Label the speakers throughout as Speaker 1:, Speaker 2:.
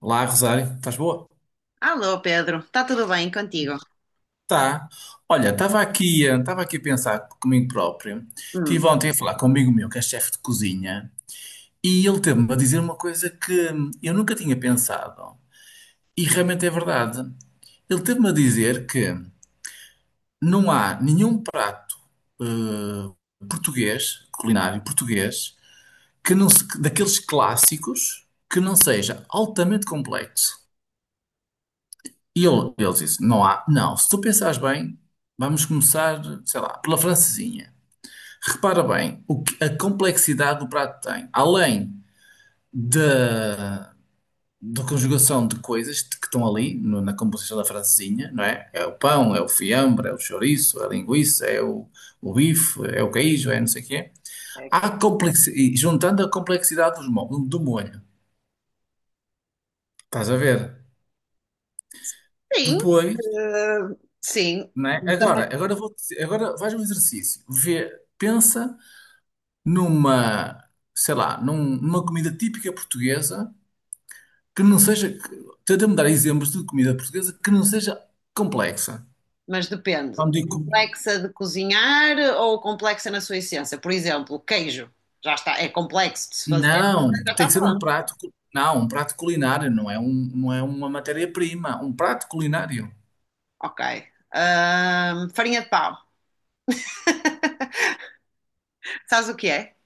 Speaker 1: Olá, Rosário, estás boa?
Speaker 2: Alô, Pedro, está tudo bem contigo?
Speaker 1: Tá. Olha, estava aqui a pensar comigo próprio. Tive
Speaker 2: Hum.
Speaker 1: ontem a falar com um amigo meu, que é chefe de cozinha, e ele teve-me a dizer uma coisa que eu nunca tinha pensado. E realmente é verdade. Ele teve-me a dizer que não há nenhum prato eh, português, culinário português, que não se- daqueles clássicos que não seja altamente complexo. E ele disse: não há, não, se tu pensares bem, vamos começar, sei lá, pela francesinha. Repara bem o que, a complexidade do prato tem. Além da, da conjugação de coisas que estão ali na composição da francesinha, não é? É o pão, é o fiambre, é o chouriço, é a linguiça, é o bife, é o queijo, é não sei o quê. Há
Speaker 2: Certo?
Speaker 1: complexidade, juntando a complexidade do molho. Estás a ver?
Speaker 2: Sim,
Speaker 1: Depois,
Speaker 2: sim,
Speaker 1: não é?
Speaker 2: também,
Speaker 1: Agora faz um exercício. Vê, pensa. Numa, sei lá, num- Numa comida típica portuguesa que não seja, tenta-me dar exemplos de comida portuguesa que não seja complexa.
Speaker 2: mas depende.
Speaker 1: Quando digo,
Speaker 2: Complexa de cozinhar ou complexa na sua essência? Por exemplo, queijo, já está, é complexo de se fazer, mas
Speaker 1: não,
Speaker 2: já
Speaker 1: tem
Speaker 2: está
Speaker 1: que ser um
Speaker 2: pronto.
Speaker 1: prato, cu- não, um prato culinário, não é uma matéria-prima, um prato culinário.
Speaker 2: Ok. Farinha de pau, sabes o que é?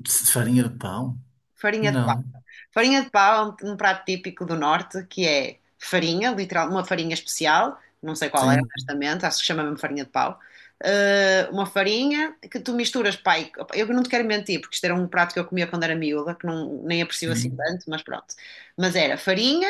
Speaker 1: De Farinha de pão?
Speaker 2: Farinha de
Speaker 1: Não.
Speaker 2: Farinha de pau é um prato típico do norte que é farinha, literal, uma farinha especial, não sei qual é,
Speaker 1: Sim,
Speaker 2: honestamente, acho que chama mesmo farinha de pau. Uma farinha que tu misturas, pai. Eu não te quero mentir, porque isto era um prato que eu comia quando era miúda, que não, nem aprecio assim
Speaker 1: sim,
Speaker 2: tanto, mas pronto. Mas era farinha,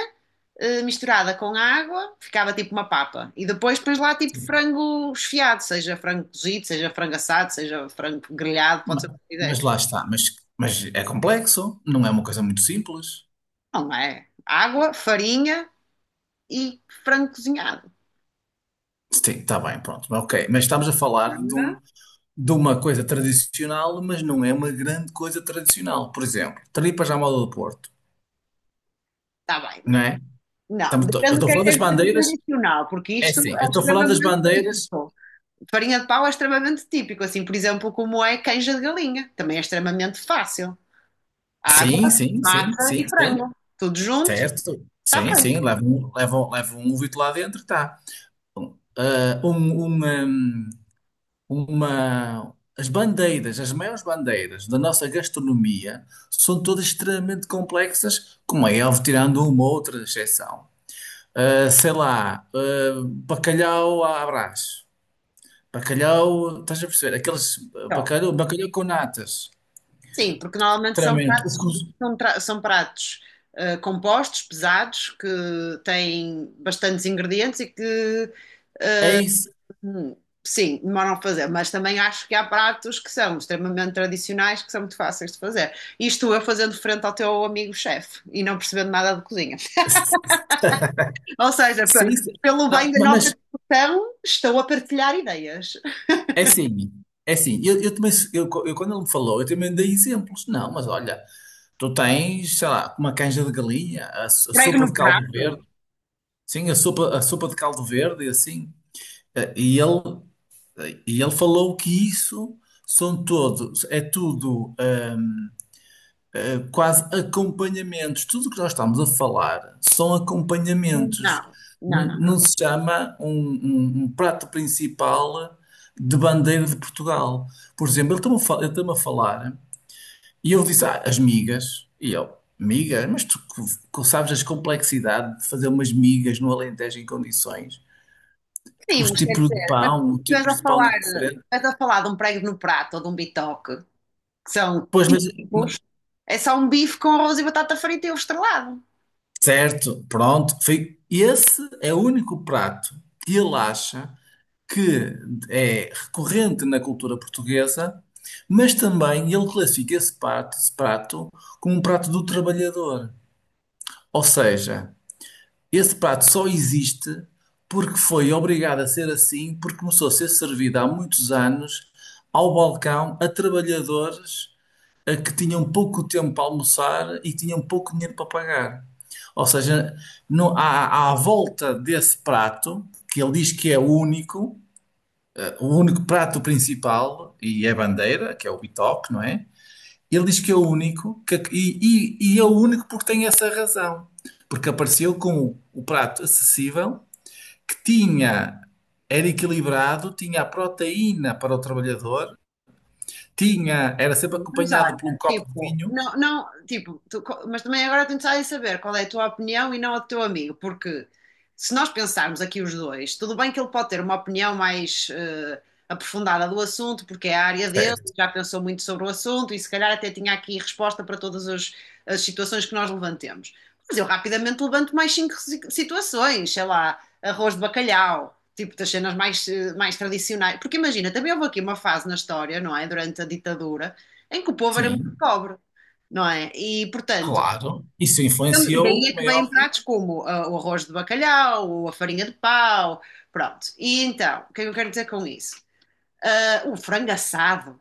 Speaker 2: misturada com água, ficava tipo uma papa. E depois pões lá tipo
Speaker 1: sim.
Speaker 2: frango esfiado, seja frango cozido, seja frango assado, seja frango grelhado, pode ser o
Speaker 1: Ma-
Speaker 2: que
Speaker 1: Mas,
Speaker 2: quiseres.
Speaker 1: lá está, mas é complexo, não é uma coisa muito simples.
Speaker 2: Não é? Água, farinha, e frango cozinhado.
Speaker 1: Sim, está bem, pronto, ok. Mas estamos a falar de um
Speaker 2: Uhum.
Speaker 1: de uma coisa tradicional, mas não é uma grande coisa tradicional. Por exemplo, tripas à moda do Porto,
Speaker 2: Está bem,
Speaker 1: não
Speaker 2: mas
Speaker 1: é?
Speaker 2: não,
Speaker 1: Eu
Speaker 2: depende do
Speaker 1: estou a falar
Speaker 2: que
Speaker 1: das
Speaker 2: é
Speaker 1: bandeiras,
Speaker 2: tradicional, porque
Speaker 1: é
Speaker 2: isto
Speaker 1: sim,
Speaker 2: é
Speaker 1: eu estou a falar das
Speaker 2: extremamente
Speaker 1: bandeiras,
Speaker 2: típico. Farinha de pau é extremamente típico, assim, por exemplo, como é canja de galinha, também é extremamente fácil. Água,
Speaker 1: sim, sim, sim,
Speaker 2: massa
Speaker 1: sim,
Speaker 2: e
Speaker 1: sim,
Speaker 2: frango, tudo junto,
Speaker 1: certo,
Speaker 2: está
Speaker 1: sim,
Speaker 2: feito.
Speaker 1: sim, levam um ovito lá dentro, tá. Ah, as bandeiras, as maiores bandeiras da nossa gastronomia são todas extremamente complexas, como é óbvio, tirando uma outra exceção. Ah, sei lá, ah, bacalhau à Brás. Bacalhau, estás a perceber? Aqueles ah,
Speaker 2: Então,
Speaker 1: bacalhau, bacalhau com natas.
Speaker 2: sim, porque normalmente são
Speaker 1: Literalmente.
Speaker 2: pratos, são, são pratos compostos, pesados, que têm bastantes ingredientes e que...
Speaker 1: É isso.
Speaker 2: Hum. Sim, demoram a fazer, mas também acho que há pratos que são extremamente tradicionais, que são muito fáceis de fazer. Isto eu fazendo frente ao teu amigo chefe e não percebendo nada de cozinha. Ou seja,
Speaker 1: Sim, sim.
Speaker 2: pelo bem
Speaker 1: Não,
Speaker 2: da nossa
Speaker 1: mas
Speaker 2: discussão, estou a partilhar ideias.
Speaker 1: é assim. É assim. Eu também, quando ele me falou, eu também dei exemplos. Não, mas olha, tu tens, sei lá, uma canja de galinha, a
Speaker 2: Prego
Speaker 1: sopa de
Speaker 2: no
Speaker 1: caldo verde.
Speaker 2: prato?
Speaker 1: Sim, a sopa de caldo verde, e assim. Ah, e ele falou que isso são todos, é tudo. Quase acompanhamentos. Tudo o que nós estamos a falar são acompanhamentos.
Speaker 2: Não, não,
Speaker 1: Não,
Speaker 2: não,
Speaker 1: não
Speaker 2: não.
Speaker 1: se chama um prato principal de bandeira de Portugal. Por exemplo, ele está-me a falar e eu disse, ah, as migas. E eu, migas? Mas tu sabes as complexidades de fazer umas migas no Alentejo em condições?
Speaker 2: Sim,
Speaker 1: Os
Speaker 2: mas quer
Speaker 1: tipos de
Speaker 2: dizer, mas
Speaker 1: pão,
Speaker 2: se
Speaker 1: os
Speaker 2: estiveres
Speaker 1: tipos
Speaker 2: a
Speaker 1: de pão
Speaker 2: falar, se
Speaker 1: diferente.
Speaker 2: estiveres a falar de um prego no prato ou de um bitoque, que são
Speaker 1: Pois, mas ma-
Speaker 2: tipos, é só um bife com arroz e batata frita e ovo estrelado.
Speaker 1: certo, pronto. Foi, esse é o único prato que ele acha que é recorrente na cultura portuguesa, mas também ele classifica esse prato como um prato do trabalhador. Ou seja, esse prato só existe porque foi obrigado a ser assim, porque começou a ser servido há muitos anos ao balcão a trabalhadores a que tinham pouco tempo para almoçar e tinham pouco dinheiro para pagar. Ou seja, não, à volta desse prato, que ele diz que é único, o único prato principal, e é bandeira, que é o bitoque, não é? Ele diz que é o único, e é o único porque tem essa razão. Porque apareceu com o prato acessível, que tinha, era equilibrado, tinha a proteína para o trabalhador, tinha, era sempre
Speaker 2: Mas olha,
Speaker 1: acompanhado por um copo de
Speaker 2: tipo,
Speaker 1: vinho.
Speaker 2: não, não, tipo, mas também agora tenho de saber qual é a tua opinião e não a do teu amigo, porque se nós pensarmos aqui os dois, tudo bem que ele pode ter uma opinião mais aprofundada do assunto, porque é a área dele,
Speaker 1: Certo.
Speaker 2: já pensou muito sobre o assunto e se calhar até tinha aqui resposta para todas as, as situações que nós levantemos. Mas eu rapidamente levanto mais cinco situações, sei lá, arroz de bacalhau. Tipo, das cenas mais, mais tradicionais. Porque imagina, também houve aqui uma fase na história, não é? Durante a ditadura, em que o povo era muito
Speaker 1: Sim,
Speaker 2: pobre, não é? E, portanto,
Speaker 1: claro. Isso
Speaker 2: então, e
Speaker 1: influenciou,
Speaker 2: daí é
Speaker 1: como
Speaker 2: que
Speaker 1: é
Speaker 2: vêm
Speaker 1: óbvio.
Speaker 2: pratos como ah, o arroz de bacalhau, ou a farinha de pau, pronto. E então, o que é que eu quero dizer com isso? Ah, o frango assado,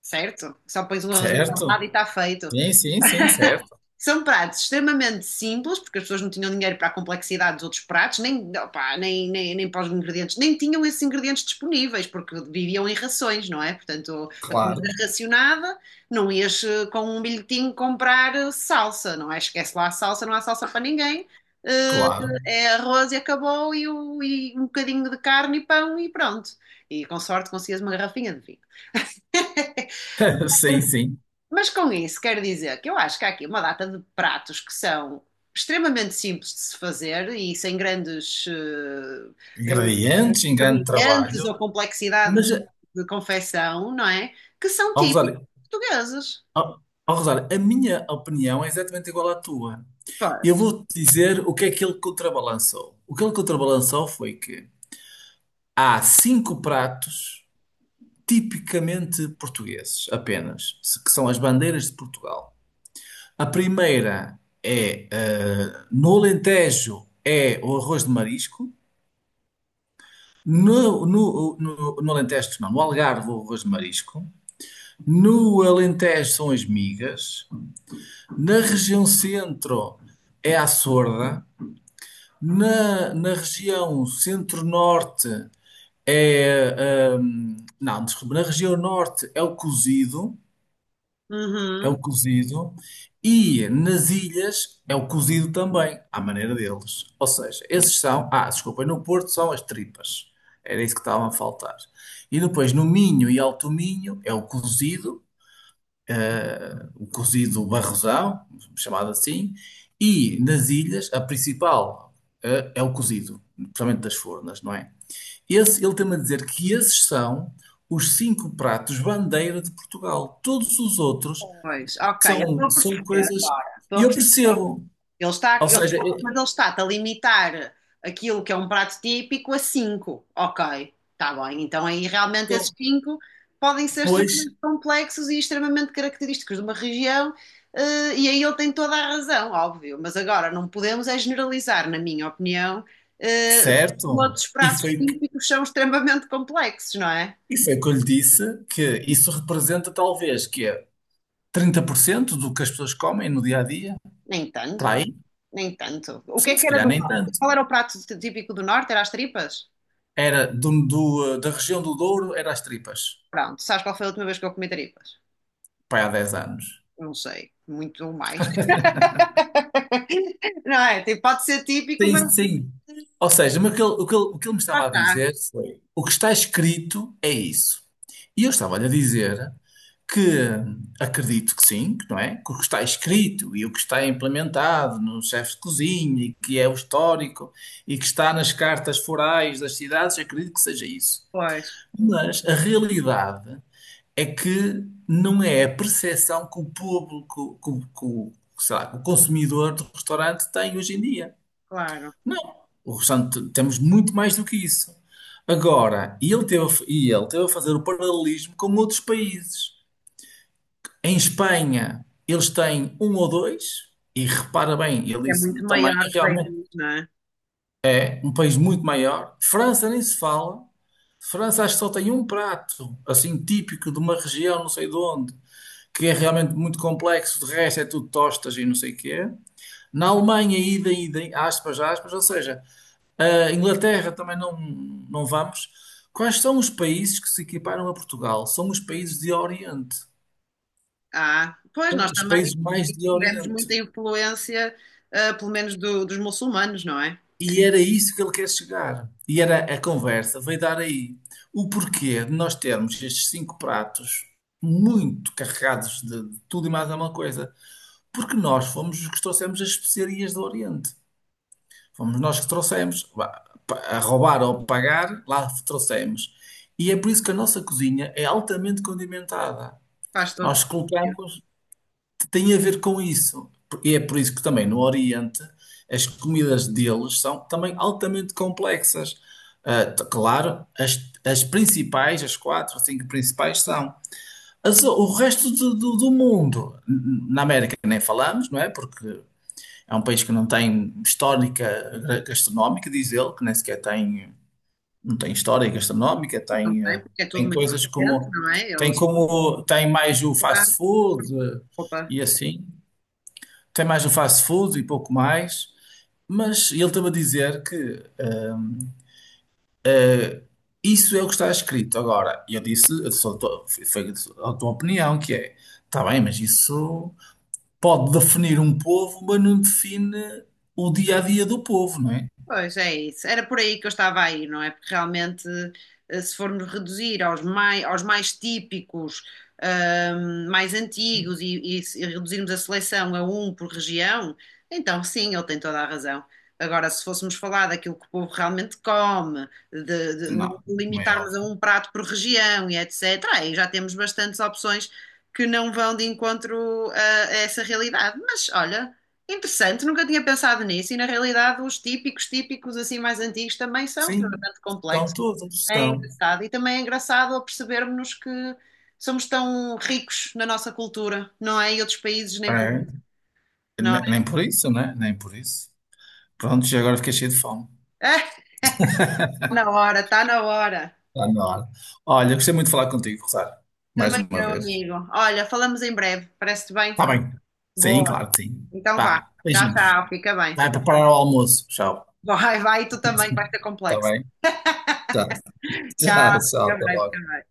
Speaker 2: certo? Só pões um arrozinho ao
Speaker 1: Certo.
Speaker 2: lado e está feito.
Speaker 1: Sim, sim, sim, certo.
Speaker 2: São pratos extremamente simples, porque as pessoas não tinham dinheiro para a complexidade dos outros pratos, nem, opá, nem, nem, nem para os ingredientes, nem tinham esses ingredientes disponíveis, porque viviam em rações, não é? Portanto, a comida
Speaker 1: Claro,
Speaker 2: era racionada, não ias com um bilhetinho comprar salsa, não é? Esquece lá a salsa, não há salsa para ninguém, eh,
Speaker 1: claro.
Speaker 2: é arroz e acabou, e, e um bocadinho de carne e pão e pronto. E com sorte conseguias uma garrafinha de vinho.
Speaker 1: Sim, sim.
Speaker 2: Mas com isso quero dizer que eu acho que há aqui uma data de pratos que são extremamente simples de se fazer e sem grandes
Speaker 1: Ingredientes, em grande
Speaker 2: ingredientes
Speaker 1: trabalho,
Speaker 2: ou complexidade
Speaker 1: mas,
Speaker 2: de confecção, não é? Que são
Speaker 1: ó
Speaker 2: típicos
Speaker 1: Rosário,
Speaker 2: portugueses.
Speaker 1: ó, Rosário, a minha opinião é exatamente igual à tua.
Speaker 2: Pá.
Speaker 1: Eu vou-te dizer o que é que ele contrabalançou. O que ele contrabalançou foi que há cinco pratos tipicamente portugueses, apenas, que são as bandeiras de Portugal. A primeira é, no Alentejo, é o arroz de marisco. No Alentejo, não, no Algarve, é o arroz de marisco. No Alentejo são as migas, na região centro é a sorda, na região centro-norte é. Não, desculpa, na região norte é o cozido, é o
Speaker 2: Uhum.
Speaker 1: cozido, e nas ilhas é o cozido também, à maneira deles. Ou seja, esses são. Ah, desculpa, no Porto são as tripas, era isso que estava a faltar. E depois no Minho e Alto Minho é o cozido barrosão, chamado assim, e nas ilhas, a principal é o cozido, principalmente das fornas, não é? Esse, ele tem-me a dizer que esses são os cinco pratos bandeira de Portugal. Todos os outros
Speaker 2: Pois, ok, eu estou
Speaker 1: são,
Speaker 2: a
Speaker 1: são
Speaker 2: perceber
Speaker 1: coisas.
Speaker 2: agora. Estou
Speaker 1: E
Speaker 2: a...
Speaker 1: eu percebo.
Speaker 2: Ele está,
Speaker 1: Ou
Speaker 2: ele,
Speaker 1: seja,
Speaker 2: mas ele está-te a limitar aquilo que é um prato típico a cinco. Ok, está bem. Então aí realmente esses
Speaker 1: então,
Speaker 2: 5 podem ser
Speaker 1: pois,
Speaker 2: extremamente complexos e extremamente característicos de uma região, e aí ele tem toda a razão, óbvio. Mas agora não podemos é generalizar, na minha opinião, eh,
Speaker 1: certo?
Speaker 2: outros
Speaker 1: E
Speaker 2: pratos
Speaker 1: foi, que-
Speaker 2: típicos são extremamente complexos, não é?
Speaker 1: e foi que eu lhe disse que isso representa talvez que é 30% do que as pessoas comem no dia a dia,
Speaker 2: Nem
Speaker 1: para
Speaker 2: tanto,
Speaker 1: aí.
Speaker 2: nem tanto. O que é
Speaker 1: Sim,
Speaker 2: que
Speaker 1: se
Speaker 2: era
Speaker 1: calhar
Speaker 2: do
Speaker 1: nem
Speaker 2: norte?
Speaker 1: tanto.
Speaker 2: Qual era o prato típico do norte? Era as tripas?
Speaker 1: Era da região do Douro, era as tripas.
Speaker 2: Pronto, sabes qual foi a última vez que eu comi tripas?
Speaker 1: Pai, há 10 anos.
Speaker 2: Não sei, muito mais. Não é? Tipo, pode ser típico,
Speaker 1: Sim,
Speaker 2: mas
Speaker 1: sim. Ou seja, mas o que ele, o que ele, o que ele me
Speaker 2: lá
Speaker 1: estava a
Speaker 2: está.
Speaker 1: dizer foi: o que está escrito é isso. E eu estava-lhe a dizer que acredito que sim, que não é? Que o que está escrito e o que está implementado no chefe de cozinha, e que é o histórico e que está nas cartas forais das cidades, eu acredito que seja isso.
Speaker 2: Pois,
Speaker 1: Mas a realidade é que não é a percepção que o público, sei lá, que o consumidor do restaurante tem hoje em dia.
Speaker 2: claro.
Speaker 1: Não. O restaurante temos muito mais do que isso. Agora, e ele teve a fazer o paralelismo com outros países. Em Espanha, eles têm um ou dois, e repara bem, ele
Speaker 2: É
Speaker 1: disse
Speaker 2: muito
Speaker 1: também,
Speaker 2: maior
Speaker 1: e
Speaker 2: o
Speaker 1: realmente
Speaker 2: país, não é?
Speaker 1: é um país muito maior. França nem se fala. França acho que só tem um prato, assim, típico de uma região, não sei de onde. Que é realmente muito complexo, de resto é tudo tostas e não sei o que é. Na Alemanha, ida, ida, aspas, aspas, ou seja, a Inglaterra também não, não vamos. Quais são os países que se equiparam a Portugal? São os países de Oriente.
Speaker 2: Ah, pois,
Speaker 1: São
Speaker 2: nós
Speaker 1: os
Speaker 2: também
Speaker 1: países mais de
Speaker 2: tivemos
Speaker 1: Oriente.
Speaker 2: muita influência, ah, pelo menos dos muçulmanos, não é?
Speaker 1: E era isso que ele quer chegar. E era a conversa, veio dar aí. O porquê de nós termos estes cinco pratos muito carregados de tudo e mais alguma coisa. Porque nós fomos os que trouxemos as especiarias do Oriente. Fomos nós que trouxemos, vá, a roubar ou pagar, lá trouxemos. E é por isso que a nossa cozinha é altamente condimentada.
Speaker 2: Faz todo
Speaker 1: Nós
Speaker 2: sentido
Speaker 1: colocamos, tem a ver com isso. E é por isso que também no Oriente as comidas deles são também altamente complexas. Ah, claro, as principais, as quatro ou cinco principais são. O resto do mundo, na América nem falamos, não é? Porque é um país que não tem histórica gastronómica, diz ele, que nem sequer tem, não tem história gastronómica, tem,
Speaker 2: também,
Speaker 1: eh,
Speaker 2: porque é tudo
Speaker 1: tem
Speaker 2: muito
Speaker 1: coisas
Speaker 2: recente,
Speaker 1: como,
Speaker 2: não é?
Speaker 1: tem
Speaker 2: Eles,
Speaker 1: como, tem mais o fast food
Speaker 2: claro.
Speaker 1: e assim, tem mais o fast food e pouco mais, mas ele estava a dizer que eh, isso é o que está escrito. Agora, e eu disse, foi a tua opinião, que é, está bem, mas isso pode definir um povo, mas não define o dia a dia do povo, não é?
Speaker 2: Pois é isso. Era por aí que eu estava aí, não é? Porque realmente, se formos reduzir aos mais típicos, mais antigos e se reduzirmos a seleção a um por região, então sim, ele tem toda a razão. Agora, se fôssemos falar daquilo que o povo realmente come,
Speaker 1: Que
Speaker 2: de
Speaker 1: não,
Speaker 2: não
Speaker 1: como é
Speaker 2: limitarmos a
Speaker 1: óbvio.
Speaker 2: um prato por região e etc., aí já temos bastantes opções que não vão de encontro a essa realidade. Mas olha, interessante, nunca tinha pensado nisso e na realidade os típicos, típicos assim mais antigos também são
Speaker 1: Sim,
Speaker 2: extremamente
Speaker 1: são
Speaker 2: complexos.
Speaker 1: todos,
Speaker 2: É
Speaker 1: são.
Speaker 2: engraçado e também é engraçado percebermos que somos tão ricos na nossa cultura, não é? E outros países nem por isso,
Speaker 1: É.
Speaker 2: não é?
Speaker 1: Nem por isso, né? Nem por isso. Pronto, já agora fiquei cheio de fome.
Speaker 2: Ah, tá na hora, está na hora.
Speaker 1: Está na hora. Olha, gostei muito de falar contigo, Rosário. Mais
Speaker 2: Também
Speaker 1: uma
Speaker 2: meu
Speaker 1: vez.
Speaker 2: amigo. Olha, falamos em breve, parece-te bem?
Speaker 1: Está bem. Sim,
Speaker 2: Boa.
Speaker 1: claro que sim.
Speaker 2: Então vá.
Speaker 1: Vá,
Speaker 2: Tchau,
Speaker 1: beijinhos.
Speaker 2: tchau. Fica bem,
Speaker 1: Vai
Speaker 2: fica bem.
Speaker 1: preparar o almoço. Tchau.
Speaker 2: Vai, vai, e tu também, que vai ser
Speaker 1: Está
Speaker 2: complexo.
Speaker 1: bem? Tchau.
Speaker 2: Tchau,
Speaker 1: Tchau, tchau.
Speaker 2: fica
Speaker 1: Até
Speaker 2: bem, fica
Speaker 1: logo.
Speaker 2: bem.